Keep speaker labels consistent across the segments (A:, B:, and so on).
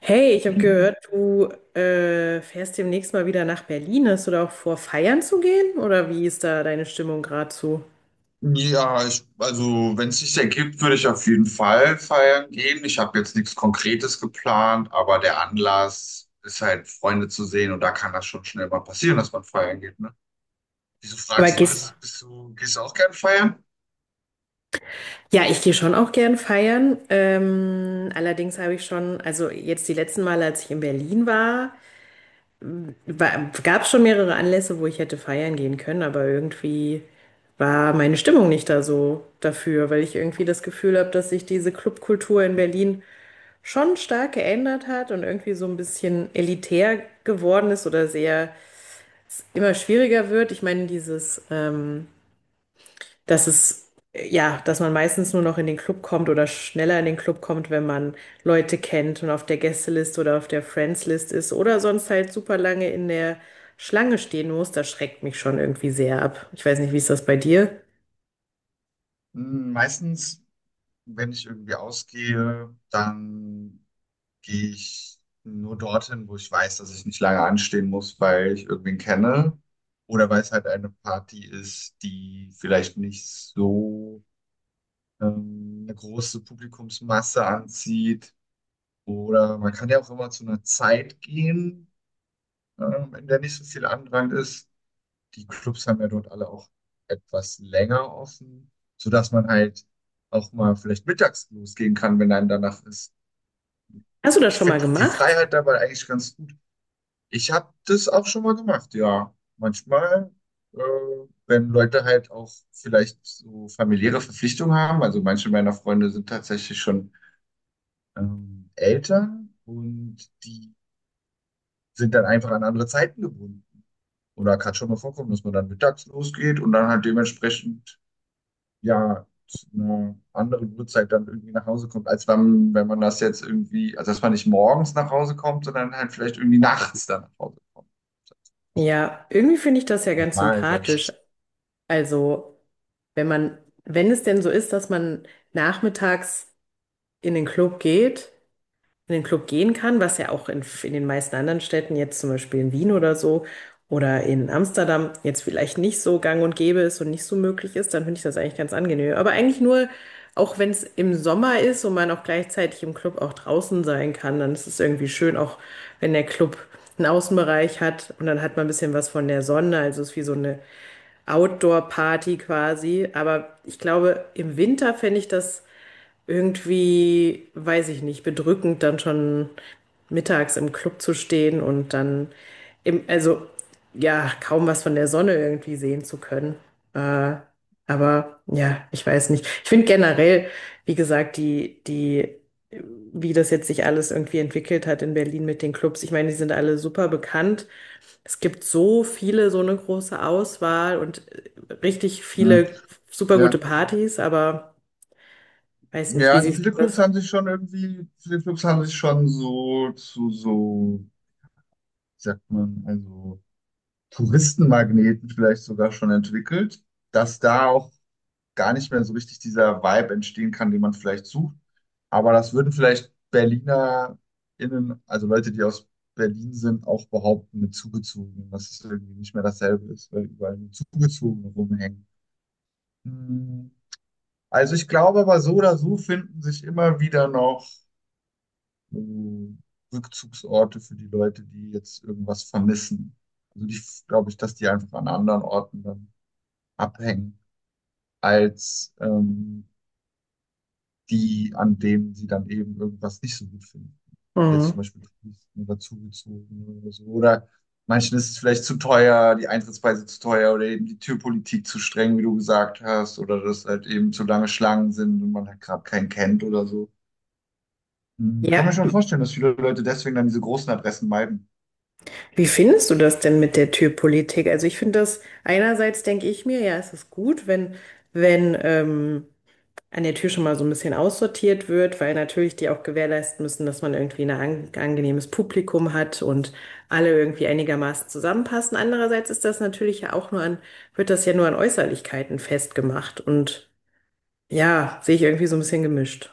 A: Hey, ich habe gehört, du fährst demnächst mal wieder nach Berlin. Hast du da auch vor, feiern zu gehen? Oder wie ist da deine Stimmung gerade zu?
B: Ja, ich, also wenn es sich ergibt, würde ich auf jeden Fall feiern gehen. Ich habe jetzt nichts Konkretes geplant, aber der Anlass ist halt, Freunde zu sehen und da kann das schon schnell mal passieren, dass man feiern geht, ne? Wieso
A: Aber
B: fragst du,
A: gehst.
B: bist du, gehst du auch gern feiern?
A: Ja, ich gehe schon auch gern feiern. Allerdings habe ich schon, also jetzt die letzten Male, als ich in Berlin war, gab es schon mehrere Anlässe, wo ich hätte feiern gehen können, aber irgendwie war meine Stimmung nicht da so dafür, weil ich irgendwie das Gefühl habe, dass sich diese Clubkultur in Berlin schon stark geändert hat und irgendwie so ein bisschen elitär geworden ist oder sehr immer schwieriger wird. Ich meine, dieses, dass es, ja, dass man meistens nur noch in den Club kommt oder schneller in den Club kommt, wenn man Leute kennt und auf der Gästeliste oder auf der Friends-List ist oder sonst halt super lange in der Schlange stehen muss, das schreckt mich schon irgendwie sehr ab. Ich weiß nicht, wie ist das bei dir?
B: Hm, meistens, wenn ich irgendwie ausgehe, dann gehe ich nur dorthin, wo ich weiß, dass ich nicht lange anstehen muss, weil ich irgendwen kenne oder weil es halt eine Party ist, die vielleicht nicht so eine große Publikumsmasse anzieht. Oder man kann ja auch immer zu einer Zeit gehen, in der nicht so viel Andrang ist. Die Clubs haben ja dort alle auch etwas länger offen, sodass man halt auch mal vielleicht mittags losgehen kann, wenn einem danach ist.
A: Hast du das
B: Ich
A: schon mal
B: finde die
A: gemacht?
B: Freiheit dabei eigentlich ganz gut. Ich habe das auch schon mal gemacht, ja. Manchmal, äh, wenn Leute halt auch vielleicht so familiäre Verpflichtungen haben, also manche meiner Freunde sind tatsächlich schon Eltern und die sind dann einfach an andere Zeiten gebunden. Oder kann schon mal vorkommen, dass man dann mittags losgeht und dann halt dementsprechend ja zu einer anderen Uhrzeit dann irgendwie nach Hause kommt, als wenn man das jetzt irgendwie, also dass man nicht morgens nach Hause kommt, sondern halt vielleicht irgendwie nachts dann nach Hause kommt.
A: Ja, irgendwie finde ich das ja ganz
B: Mal, sag
A: sympathisch.
B: ich.
A: Also, wenn man, wenn es denn so ist, dass man nachmittags in den Club geht, in den Club gehen kann, was ja auch in den meisten anderen Städten, jetzt zum Beispiel in Wien oder so oder in Amsterdam, jetzt vielleicht nicht so gang und gäbe ist und nicht so möglich ist, dann finde ich das eigentlich ganz angenehm. Aber eigentlich nur, auch wenn es im Sommer ist und man auch gleichzeitig im Club auch draußen sein kann, dann ist es irgendwie schön, auch wenn der Club einen Außenbereich hat und dann hat man ein bisschen was von der Sonne, also es ist wie so eine Outdoor-Party quasi. Aber ich glaube, im Winter fände ich das irgendwie, weiß ich nicht, bedrückend, dann schon mittags im Club zu stehen und dann im, also ja, kaum was von der Sonne irgendwie sehen zu können. Äh, aber ja, ich weiß nicht. Ich finde generell, wie gesagt, wie das jetzt sich alles irgendwie entwickelt hat in Berlin mit den Clubs. Ich meine, die sind alle super bekannt, es gibt so viele, so eine große Auswahl und richtig
B: Hm,
A: viele super gute
B: ja.
A: Partys, aber weiß nicht,
B: Ja,
A: wie
B: also
A: siehst du
B: viele Clubs
A: das?
B: haben sich schon irgendwie, viele Clubs haben sich schon so zu so, wie sagt man, also Touristenmagneten vielleicht sogar schon entwickelt, dass da auch gar nicht mehr so richtig dieser Vibe entstehen kann, den man vielleicht sucht. Aber das würden vielleicht BerlinerInnen, also Leute, die aus Berlin sind, auch behaupten mit Zugezogenen, dass es irgendwie nicht mehr dasselbe ist, weil überall nur Zugezogene rumhängen. Hm. Also ich glaube aber so oder so finden sich immer wieder noch so Rückzugsorte für die Leute, die jetzt irgendwas vermissen. Also die, glaube ich, dass die einfach an anderen Orten dann abhängen als die, an denen sie dann eben irgendwas nicht so gut finden. Wie jetzt zum
A: Mhm.
B: Beispiel Touristen oder Zugezogene oder so. Oder manchen ist es vielleicht zu teuer, die Eintrittspreise zu teuer oder eben die Türpolitik zu streng, wie du gesagt hast, oder dass halt eben zu lange Schlangen sind und man halt gerade keinen kennt oder so. Hm, kann mir
A: Ja,
B: schon vorstellen, dass viele Leute deswegen dann diese großen Adressen meiden.
A: wie findest du das denn mit der Türpolitik? Also ich finde das, einerseits denke ich mir, ja, es ist gut, wenn, wenn an der Tür schon mal so ein bisschen aussortiert wird, weil natürlich die auch gewährleisten müssen, dass man irgendwie ein an angenehmes Publikum hat und alle irgendwie einigermaßen zusammenpassen. Andererseits ist das natürlich ja auch nur an, wird das ja nur an Äußerlichkeiten festgemacht und ja, sehe ich irgendwie so ein bisschen gemischt.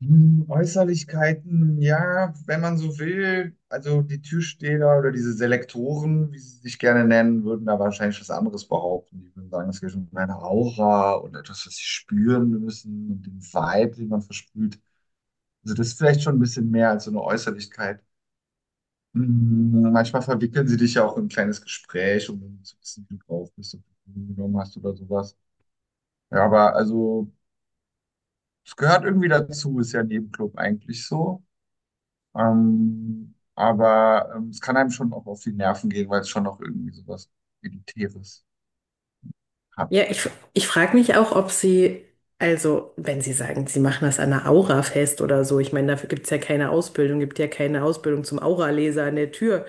B: Hm, Äußerlichkeiten, ja, wenn man so will. Also die Türsteher oder diese Selektoren, wie sie sich gerne nennen, würden da wahrscheinlich was anderes behaupten. Die würden sagen, es geht um eine Aura und etwas, was sie spüren müssen und den Vibe, den man versprüht. Also das ist vielleicht schon ein bisschen mehr als so eine Äußerlichkeit. Hm, manchmal verwickeln sie dich ja auch in ein kleines Gespräch, um zu wissen, wie du drauf bist, ob du Drogen genommen hast oder sowas. Ja, aber also es gehört irgendwie dazu, ist ja ein Nebenclub eigentlich so. Aber es kann einem schon auch auf die Nerven gehen, weil es schon noch irgendwie sowas Elitäres hat.
A: Ja, ich, ich frage mich auch, ob sie, also wenn sie sagen, sie machen das an einer Aura fest oder so, ich meine, dafür gibt's ja keine Ausbildung, gibt ja keine Ausbildung zum Auraleser an der Tür.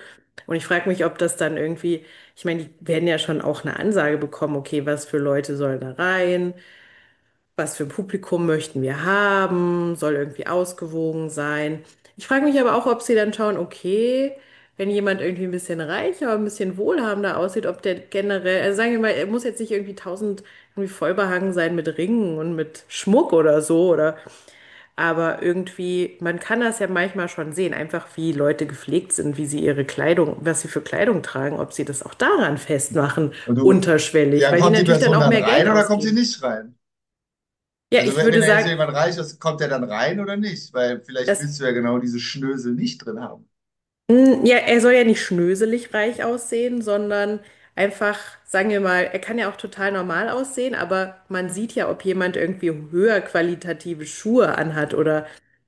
A: Und ich frage mich, ob das dann irgendwie, ich meine, die werden ja schon auch eine Ansage bekommen, okay, was für Leute sollen da rein, was für ein Publikum möchten wir haben, soll irgendwie ausgewogen sein. Ich frage mich aber auch, ob sie dann schauen, okay, wenn jemand irgendwie ein bisschen reicher, ein bisschen wohlhabender aussieht, ob der generell, also sagen wir mal, er muss jetzt nicht irgendwie tausend irgendwie vollbehangen sein mit Ringen und mit Schmuck oder so, oder, aber irgendwie, man kann das ja manchmal schon sehen, einfach wie Leute gepflegt sind, wie sie ihre Kleidung, was sie für Kleidung tragen, ob sie das auch daran festmachen,
B: Und du,
A: unterschwellig,
B: ja,
A: weil die
B: kommt die
A: natürlich dann
B: Person
A: auch
B: dann
A: mehr
B: rein
A: Geld
B: oder kommt sie
A: ausgeben.
B: nicht rein?
A: Ja,
B: Also
A: ich
B: wenn
A: würde
B: da jetzt
A: sagen,
B: jemand reich ist, kommt der dann rein oder nicht? Weil vielleicht
A: das
B: willst du ja genau diese Schnösel nicht drin haben.
A: Mm, ja, er soll ja nicht schnöselig reich aussehen, sondern einfach, sagen wir mal, er kann ja auch total normal aussehen, aber man sieht ja, ob jemand irgendwie höher qualitative Schuhe anhat oder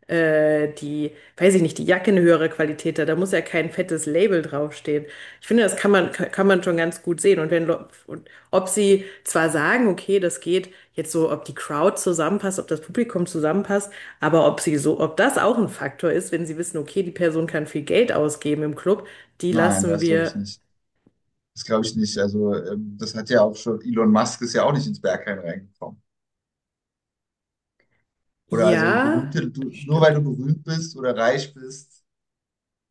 A: äh, die, weiß ich nicht, die Jacke eine höhere Qualität hat. Da muss ja kein fettes Label draufstehen. Ich finde, das kann man, kann man schon ganz gut sehen. Und wenn, und ob sie zwar sagen, okay, das geht jetzt so, ob die Crowd zusammenpasst, ob das Publikum zusammenpasst, aber ob sie so, ob das auch ein Faktor ist, wenn sie wissen, okay, die Person kann viel Geld ausgeben im Club, die
B: Nein,
A: lassen
B: das glaube ich
A: wir,
B: nicht. Das glaube ich nicht. Also das hat ja auch schon, Elon Musk ist ja auch nicht ins Berghain reingekommen. Oder also
A: ja,
B: berühmte, du,
A: das
B: nur weil
A: stimmt.
B: du berühmt bist oder reich bist,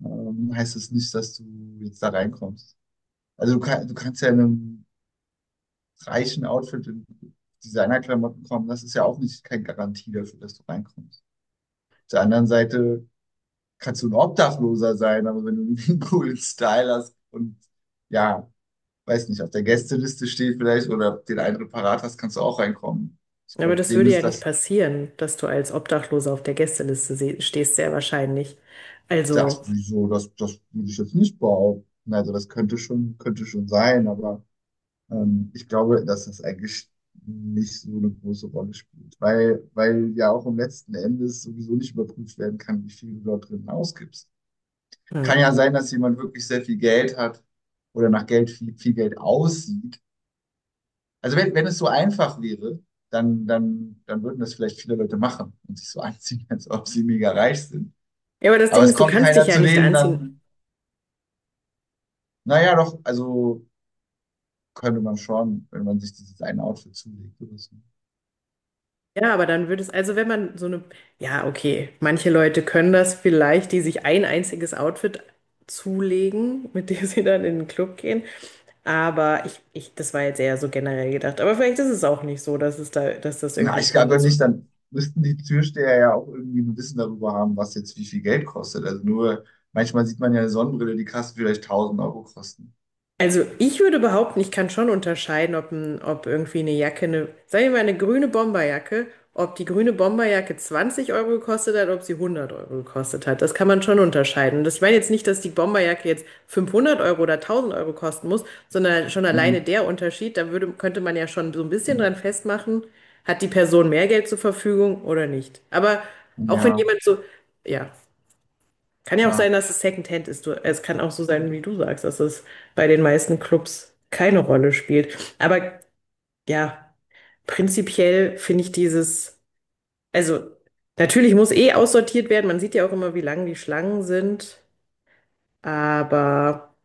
B: heißt es das nicht, dass du jetzt da reinkommst. Also du, kann, du kannst ja in einem reichen Outfit in Designerklamotten kommen. Das ist ja auch nicht keine Garantie dafür, dass du reinkommst. Auf der anderen Seite kannst du ein Obdachloser sein, aber wenn du irgendwie einen coolen Style hast und ja, weiß nicht, auf der Gästeliste steht vielleicht oder den einen parat hast, kannst du auch reinkommen. Ich
A: Aber
B: glaube,
A: das
B: denen
A: würde ja
B: ist
A: nicht
B: das,
A: passieren, dass du als Obdachloser auf der Gästeliste stehst, sehr wahrscheinlich. Also,
B: das, wieso, das würde ich jetzt nicht behaupten. Also das könnte schon sein, aber ich glaube, dass das eigentlich nicht so eine große Rolle spielt, weil ja auch im letzten Endes sowieso nicht überprüft werden kann, wie viel du dort drin ausgibst.
A: hm.
B: Kann ja sein, dass jemand wirklich sehr viel Geld hat oder nach Geld viel, viel Geld aussieht. Also wenn es so einfach wäre, dann würden das vielleicht viele Leute machen und sich so anziehen, als ob sie mega reich sind.
A: Ja, aber das
B: Aber
A: Ding
B: es
A: ist, du
B: kommt
A: kannst
B: keiner
A: dich ja
B: zu
A: nicht
B: denen,
A: anziehen.
B: dann, naja, doch, also könnte man schon, wenn man sich dieses eine Outfit zulegt oder so.
A: Ja, aber dann würde es, also wenn man so eine, ja, okay, manche Leute können das vielleicht, die sich ein einziges Outfit zulegen, mit dem sie dann in den Club gehen. Aber das war jetzt eher so generell gedacht. Aber vielleicht ist es auch nicht so, dass es da, dass das
B: Na,
A: irgendwie ein
B: ich
A: Punkt
B: glaube
A: ist.
B: nicht, dann müssten die Türsteher ja auch irgendwie ein Wissen darüber haben, was jetzt wie viel Geld kostet. Also nur, manchmal sieht man ja eine Sonnenbrille, die kann vielleicht 1000 Euro kosten.
A: Also ich würde behaupten, ich kann schon unterscheiden, ob irgendwie eine Jacke, eine, sagen wir mal eine grüne Bomberjacke, ob die grüne Bomberjacke 20 Euro gekostet hat, ob sie 100 Euro gekostet hat. Das kann man schon unterscheiden. Und das- Ich meine jetzt nicht, dass die Bomberjacke jetzt 500 Euro oder 1000 Euro kosten muss, sondern schon
B: Hm,
A: alleine der Unterschied, da würde, könnte man ja schon so ein bisschen
B: hm,
A: dran festmachen, hat die Person mehr Geld zur Verfügung oder nicht. Aber
B: hm,
A: auch wenn
B: ja,
A: jemand so, ja. Kann ja auch sein,
B: ja.
A: dass es Secondhand ist. Du, es kann auch so sein, wie du sagst, dass es bei den meisten Clubs keine Rolle spielt. Aber ja, prinzipiell finde ich dieses, also natürlich muss eh aussortiert werden. Man sieht ja auch immer, wie lang die Schlangen sind. Aber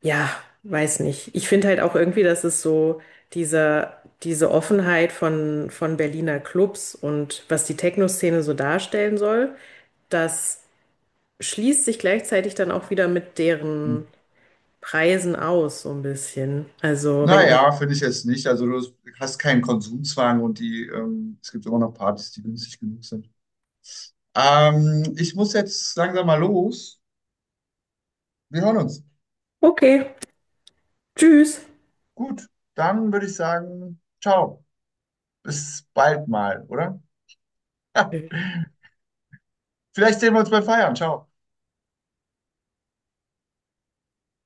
A: ja, weiß nicht. Ich finde halt auch irgendwie, dass es so diese, diese Offenheit von Berliner Clubs und was die Techno-Szene so darstellen soll, das schließt sich gleichzeitig dann auch wieder mit
B: Hm.
A: deren Preisen aus, so ein bisschen. Also, wenn,
B: Naja, finde ich jetzt nicht. Also du hast keinen Konsumzwang und die, es gibt immer noch Partys, die günstig genug sind. Ich muss jetzt langsam mal los. Wir hören uns.
A: okay, tschüss.
B: Gut, dann würde ich sagen, ciao. Bis bald mal, oder? Vielleicht sehen wir uns beim Feiern. Ciao.